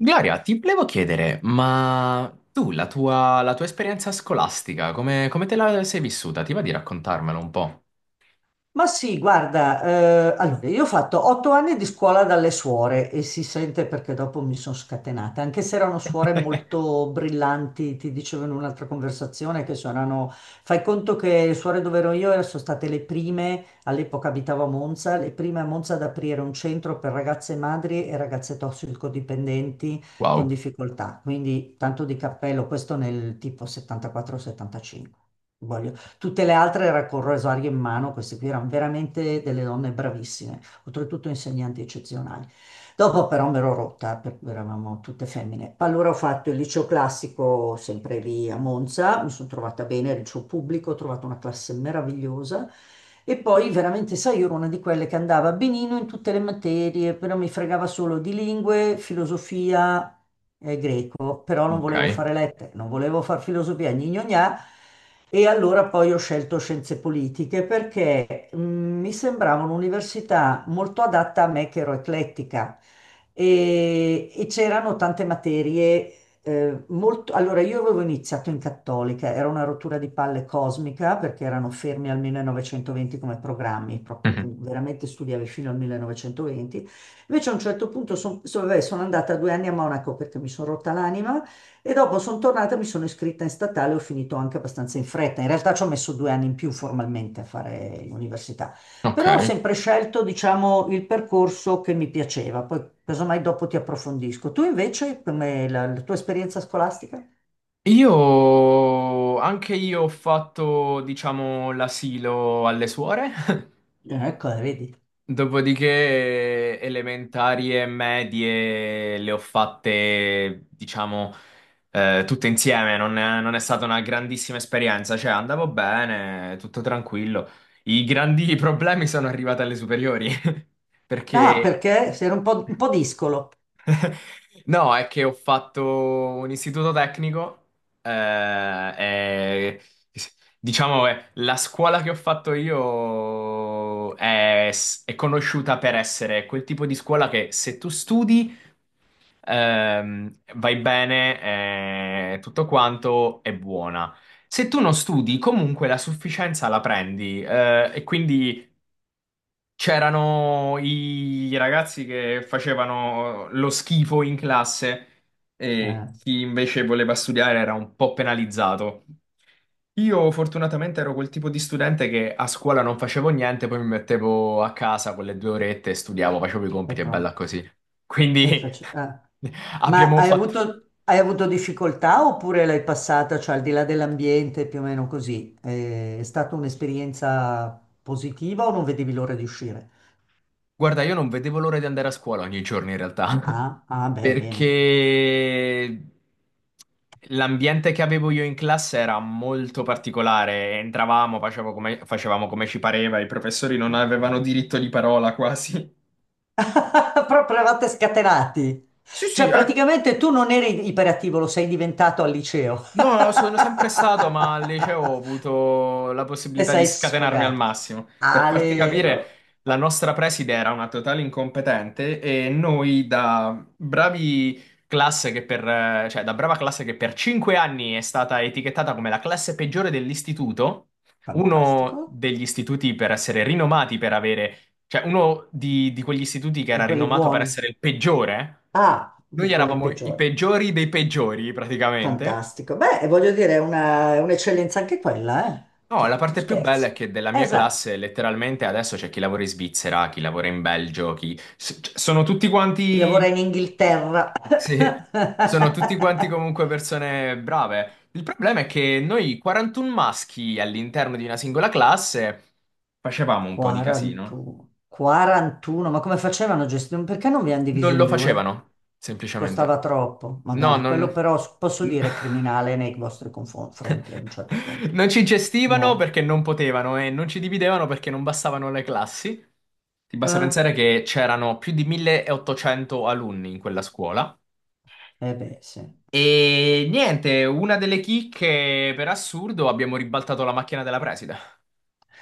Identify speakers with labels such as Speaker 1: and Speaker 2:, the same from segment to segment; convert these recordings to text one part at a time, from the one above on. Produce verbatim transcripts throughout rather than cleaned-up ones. Speaker 1: Gloria, ti volevo chiedere, ma tu, la tua, la tua esperienza scolastica, come, come te la sei vissuta? Ti va di raccontarmelo un po'?
Speaker 2: Ma sì, guarda, eh, allora io ho fatto otto anni di scuola dalle suore e si sente perché dopo mi sono scatenata, anche se erano suore molto brillanti, ti dicevo in un'altra conversazione che suonano, fai conto che le suore dove ero io sono state le prime, all'epoca abitavo a Monza, le prime a Monza ad aprire un centro per ragazze madri e ragazze tossicodipendenti con
Speaker 1: Wow,
Speaker 2: difficoltà, quindi tanto di cappello, questo nel tipo settantaquattro, settantacinque. Tutte le altre era col rosario in mano, queste qui erano veramente delle donne bravissime, oltretutto insegnanti eccezionali. Dopo però mi ero rotta, perché eravamo tutte femmine. Allora ho fatto il liceo classico sempre lì a Monza, mi sono trovata bene, il liceo pubblico, ho trovato una classe meravigliosa. E poi veramente, sai, io ero una di quelle che andava benino in tutte le materie, però mi fregava solo di lingue, filosofia e greco, però non volevo
Speaker 1: ok.
Speaker 2: fare lettere, non volevo fare filosofia, gna gna gna, e allora poi ho scelto scienze politiche perché mh, mi sembrava un'università molto adatta a me che ero eclettica e, e c'erano tante materie eh, molto... Allora io avevo iniziato in cattolica, era una rottura di palle cosmica perché erano fermi al millenovecentoventi come programmi, proprio
Speaker 1: Mhm.
Speaker 2: tu veramente studiavi fino al millenovecentoventi. Invece a un certo punto son- so- vabbè, sono andata due anni a Monaco perché mi sono rotta l'anima e dopo sono tornata, mi sono iscritta in statale, ho finito anche abbastanza in fretta. In realtà ci ho messo due anni in più formalmente a fare l'università,
Speaker 1: Ok.
Speaker 2: però ho sempre scelto, diciamo, il percorso che mi piaceva. Poi, casomai, dopo ti approfondisco. Tu invece, come la, la tua esperienza scolastica?
Speaker 1: Io, anche io ho fatto, diciamo, l'asilo alle suore.
Speaker 2: Eh, Ecco, eh, vedi.
Speaker 1: Dopodiché elementari e medie le ho fatte, diciamo, eh, tutte insieme, non è, non è stata una grandissima esperienza, cioè andavo bene, tutto tranquillo. I grandi problemi sono arrivati alle superiori. Mm.
Speaker 2: Ah,
Speaker 1: Perché?
Speaker 2: perché sei un po', un po' discolo.
Speaker 1: No, è che ho fatto un istituto tecnico, eh, e, diciamo, eh, la scuola che ho fatto io è, è conosciuta per essere quel tipo di scuola che se tu studi, ehm, vai bene, eh, tutto quanto è buona. Se tu non studi, comunque la sufficienza la prendi, eh, e quindi... C'erano i ragazzi che facevano lo schifo in classe e
Speaker 2: Eh,
Speaker 1: chi invece voleva studiare era un po' penalizzato. Io fortunatamente ero quel tipo di studente che a scuola non facevo niente, poi mi mettevo a casa quelle due orette e studiavo, facevo i
Speaker 2: è
Speaker 1: compiti e bella
Speaker 2: prom-
Speaker 1: così.
Speaker 2: è
Speaker 1: Quindi
Speaker 2: facile. Ma
Speaker 1: abbiamo
Speaker 2: hai
Speaker 1: fatto.
Speaker 2: avuto, hai avuto difficoltà oppure l'hai passata, cioè al di là dell'ambiente, più o meno così? Eh, È stata un'esperienza positiva o non vedevi l'ora di uscire?
Speaker 1: Guarda, io non vedevo l'ora di andare a scuola ogni giorno in realtà,
Speaker 2: Ah, ah, beh, bene.
Speaker 1: perché l'ambiente che avevo io in classe era molto particolare. Entravamo, facevamo come, facevamo come ci pareva, i professori non avevano diritto di parola quasi.
Speaker 2: Proprio eravate scatenati.
Speaker 1: Sì, sì,
Speaker 2: Cioè,
Speaker 1: eh,
Speaker 2: praticamente tu non eri iperattivo, lo sei diventato al liceo.
Speaker 1: No, sono sempre stato, ma al liceo ho avuto la
Speaker 2: E
Speaker 1: possibilità di
Speaker 2: sei
Speaker 1: scatenarmi al
Speaker 2: sfogato.
Speaker 1: massimo. Per farti
Speaker 2: Ale,
Speaker 1: capire,
Speaker 2: oh,
Speaker 1: la nostra preside era una totale incompetente e noi da bravi classe che per, eh, cioè da brava classe che per cinque anni è stata etichettata come la classe peggiore dell'istituto, uno
Speaker 2: fantastico.
Speaker 1: degli istituti per essere rinomati per avere, cioè uno di, di quegli istituti che
Speaker 2: Di
Speaker 1: era
Speaker 2: quelli
Speaker 1: rinomato per
Speaker 2: buoni.
Speaker 1: essere il peggiore.
Speaker 2: Ah, di
Speaker 1: Noi
Speaker 2: quelli
Speaker 1: eravamo i
Speaker 2: peggiori.
Speaker 1: peggiori dei peggiori, praticamente.
Speaker 2: Fantastico. Beh, voglio dire, è una- è un'eccellenza anche quella, eh?
Speaker 1: No,
Speaker 2: Cioè,
Speaker 1: la
Speaker 2: tu
Speaker 1: parte più bella
Speaker 2: scherzi.
Speaker 1: è che della mia
Speaker 2: Esatto.
Speaker 1: classe letteralmente adesso c'è chi lavora in Svizzera, chi lavora in Belgio, chi... s- c- sono tutti
Speaker 2: Chi lavora
Speaker 1: quanti...
Speaker 2: in Inghilterra.
Speaker 1: Sì, sono tutti quanti comunque persone brave. Il problema è che noi quarantuno maschi all'interno di una singola classe facevamo un po' di casino.
Speaker 2: quarantuno. quarantuno, ma come facevano a gestire? Perché non vi hanno diviso
Speaker 1: Non
Speaker 2: in
Speaker 1: lo
Speaker 2: due?
Speaker 1: facevano,
Speaker 2: Costava
Speaker 1: semplicemente.
Speaker 2: troppo.
Speaker 1: No,
Speaker 2: Madonna, quello
Speaker 1: non...
Speaker 2: però s- posso dire è criminale nei vostri confronti a un certo punto.
Speaker 1: Non ci gestivano
Speaker 2: Mo.
Speaker 1: perché non potevano e non ci dividevano perché non bastavano le classi. Ti basta
Speaker 2: Eh?
Speaker 1: pensare che c'erano più di milleottocento alunni in quella scuola.
Speaker 2: Eh beh, sì.
Speaker 1: E niente, una delle chicche, per assurdo, abbiamo ribaltato la macchina della preside.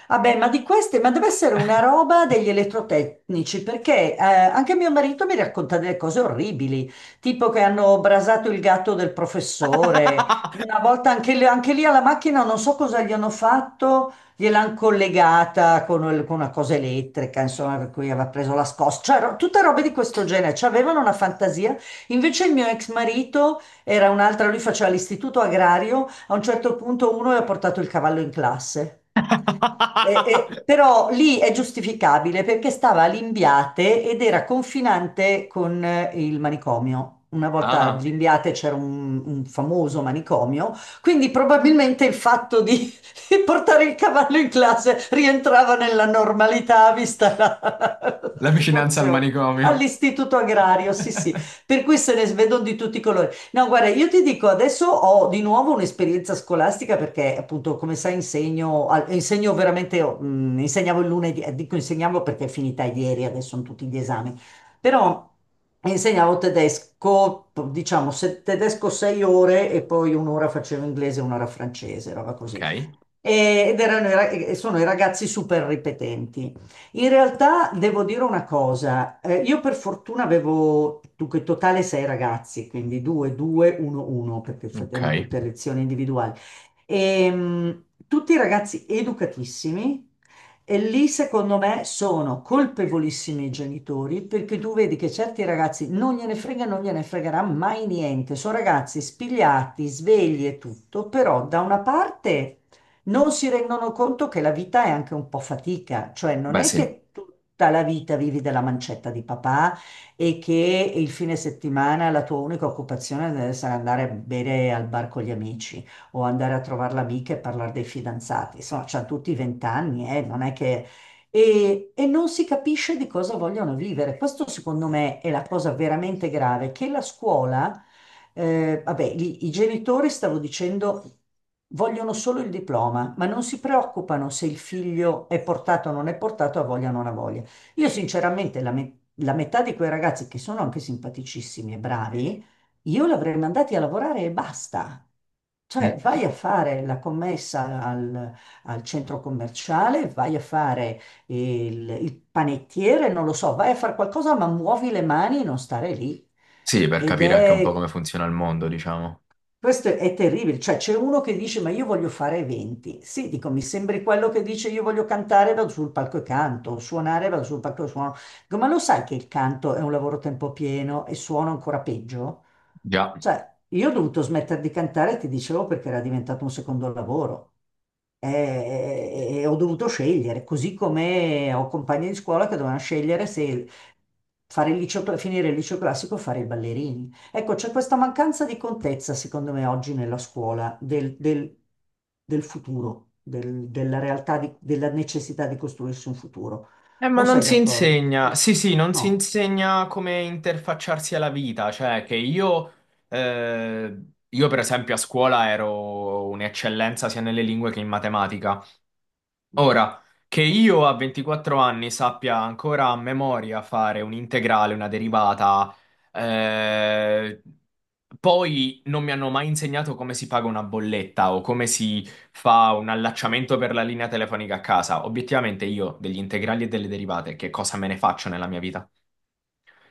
Speaker 2: Vabbè, ma di queste, ma deve essere una roba degli elettrotecnici, perché eh, anche mio marito mi racconta delle cose orribili, tipo che hanno brasato il gatto del professore, una volta anche, lì anche lì alla macchina non so cosa gli hanno fatto, gliel'hanno collegata con, il- con una cosa elettrica, insomma, per cui aveva preso la scossa, cioè ro- tutte robe di questo genere, cioè, avevano una fantasia. Invece il mio ex marito era un'altra, lui faceva l'istituto agrario, a un certo punto uno gli ha portato il cavallo in classe. Eh, eh, però lì è giustificabile perché stava a Limbiate ed era confinante con eh, il manicomio. Una volta a
Speaker 1: Ah,
Speaker 2: Limbiate c'era un, un famoso manicomio, quindi probabilmente il fatto di, di portare il cavallo in classe rientrava nella normalità vista la, la
Speaker 1: la vicinanza al
Speaker 2: situazione.
Speaker 1: manicomio.
Speaker 2: All'istituto agrario, sì, sì, per cui se ne vedono di tutti i colori. No, guarda, io ti dico, adesso ho di nuovo un'esperienza scolastica perché appunto, come sai, insegno, al- insegno veramente, mh, insegnavo il lunedì, eh, dico insegnavo perché è finita ieri, adesso sono tutti gli esami, però insegnavo tedesco, diciamo, se- tedesco sei ore e poi un'ora facevo inglese e un'ora francese, roba
Speaker 1: Ok,
Speaker 2: così e ed erano i ra- e sono i ragazzi super ripetenti. In realtà devo dire una cosa, eh, io per fortuna avevo, dunque, in totale sei ragazzi, quindi due, due, uno, uno, perché f-
Speaker 1: ok.
Speaker 2: erano tutte lezioni individuali. Ehm, tutti ragazzi educatissimi e lì secondo me sono colpevolissimi i genitori perché tu vedi che certi ragazzi non gliene frega, non gliene fregherà mai niente, sono ragazzi spigliati, svegli e tutto, però da una parte non si rendono conto che la vita è anche un po' fatica, cioè non
Speaker 1: Beh,
Speaker 2: è
Speaker 1: sì.
Speaker 2: che tutta la vita vivi della mancetta di papà e che il fine settimana la tua unica occupazione deve essere andare a bere al bar con gli amici o andare a trovare l'amica e parlare dei fidanzati. Insomma, c'hanno tutti vent'anni, eh, non è che... E, e non si capisce di cosa vogliono vivere. Questo secondo me è la cosa veramente grave, che la scuola eh, vabbè, lì i genitori, stavo dicendo, vogliono solo il diploma, ma non si preoccupano se il figlio è portato o non è portato, ha voglia o non ha voglia. Io sinceramente la, me- la metà di quei ragazzi che sono anche simpaticissimi e bravi, io l'avrei mandati a lavorare e basta.
Speaker 1: Mm.
Speaker 2: Cioè, vai a fare la commessa al, al centro commerciale, vai a fare il, il panettiere, non lo so, vai a fare qualcosa, ma muovi le mani e non stare lì.
Speaker 1: Sì, per
Speaker 2: Ed
Speaker 1: capire anche un po'
Speaker 2: è
Speaker 1: come funziona il mondo, diciamo.
Speaker 2: questo è terribile, cioè c'è uno che dice ma io voglio fare eventi. Sì, dico, mi sembri quello che dice io voglio cantare, vado sul palco e canto, suonare, vado sul palco e suono. Dico, ma lo sai che il canto è un lavoro a tempo pieno e suono ancora peggio?
Speaker 1: Già.
Speaker 2: Cioè, io ho dovuto smettere di cantare, ti dicevo, perché era diventato un secondo lavoro. E, e ho dovuto scegliere, così come ho compagni di scuola che dovevano scegliere se fare il liceo, cla- finire il liceo classico o fare i ballerini. Ecco, c'è questa mancanza di contezza, secondo me, oggi nella scuola, del, del- del futuro, del- della realtà, di- della necessità di costruirsi un futuro.
Speaker 1: Eh, ma
Speaker 2: Non
Speaker 1: non
Speaker 2: sei
Speaker 1: si
Speaker 2: d'accordo?
Speaker 1: insegna,
Speaker 2: No.
Speaker 1: sì, sì, non si
Speaker 2: No.
Speaker 1: insegna come interfacciarsi alla vita, cioè che io, eh, io per esempio a scuola ero un'eccellenza sia nelle lingue che in matematica, ora, che io a ventiquattro anni sappia ancora a memoria fare un'integrale, una derivata. Eh, poi non mi hanno mai insegnato come si paga una bolletta o come si fa un allacciamento per la linea telefonica a casa. Obiettivamente, io degli integrali e delle derivate, che cosa me ne faccio nella mia vita?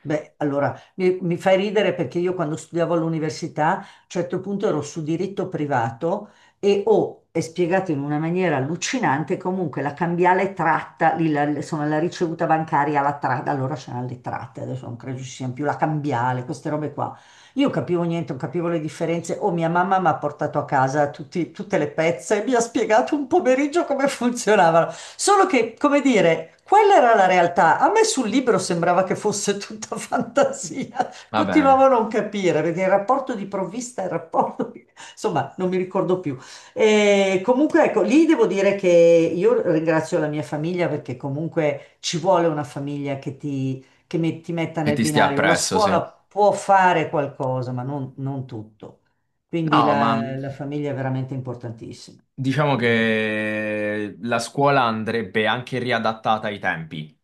Speaker 2: Beh, allora, mi, mi fai ridere perché io quando studiavo all'università, a un certo punto ero su diritto privato e ho, è spiegato in una maniera allucinante, comunque la cambiale tratta, lì la, insomma, la ricevuta bancaria, la tratta, allora c'erano le tratte, adesso non credo ci siano più la cambiale, queste robe qua. Io capivo niente, non capivo le differenze. O mia mamma mi ha portato a casa tutti- tutte le pezze e mi ha spiegato un pomeriggio come funzionavano. Solo che, come dire, quella era la realtà. A me sul libro sembrava che fosse tutta fantasia.
Speaker 1: Vabbè,
Speaker 2: Continuavo a non capire perché il rapporto di provvista, il rapporto di- Insomma, non mi ricordo più. E comunque, ecco, lì devo dire che io ringrazio la mia famiglia perché comunque ci vuole una famiglia che ti che mi- ti metta
Speaker 1: che
Speaker 2: nel
Speaker 1: ti stia
Speaker 2: binario. La
Speaker 1: appresso, sì.
Speaker 2: scuola può fare qualcosa, ma non, non tutto. Quindi
Speaker 1: No, ma
Speaker 2: la, la famiglia è veramente importantissima.
Speaker 1: diciamo
Speaker 2: Mm.
Speaker 1: che la scuola andrebbe anche riadattata ai tempi.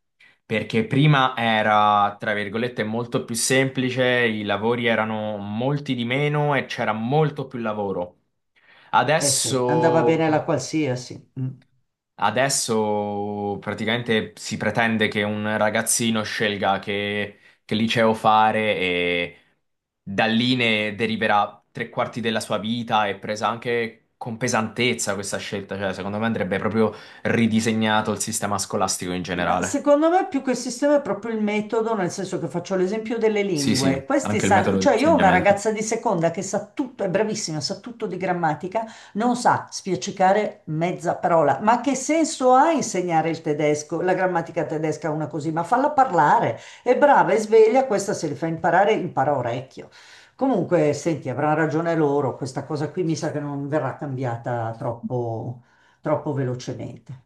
Speaker 1: Perché prima era, tra virgolette, molto più semplice, i lavori erano molti di meno e c'era molto più lavoro.
Speaker 2: Eh sì, andava
Speaker 1: Adesso,
Speaker 2: bene la qualsiasi. Mm.
Speaker 1: adesso praticamente si pretende che un ragazzino scelga che, che liceo fare e da lì ne deriverà tre quarti della sua vita e presa anche con pesantezza questa scelta. Cioè, secondo me andrebbe proprio ridisegnato il sistema scolastico in
Speaker 2: Ma
Speaker 1: generale.
Speaker 2: secondo me più che il sistema è proprio il metodo, nel senso che faccio l'esempio delle
Speaker 1: Sì, sì,
Speaker 2: lingue. Questi
Speaker 1: anche il
Speaker 2: sanno,
Speaker 1: metodo di
Speaker 2: cioè io ho una
Speaker 1: insegnamento.
Speaker 2: ragazza di seconda che sa tutto, è bravissima, sa tutto di grammatica, non sa spiaccicare mezza parola. Ma che senso ha insegnare il tedesco, la grammatica tedesca a una così? Ma falla parlare, è brava, è sveglia, questa se li fa imparare, impara a orecchio. Comunque, senti, avranno ragione loro, questa cosa qui mi sa che non verrà cambiata troppo troppo velocemente.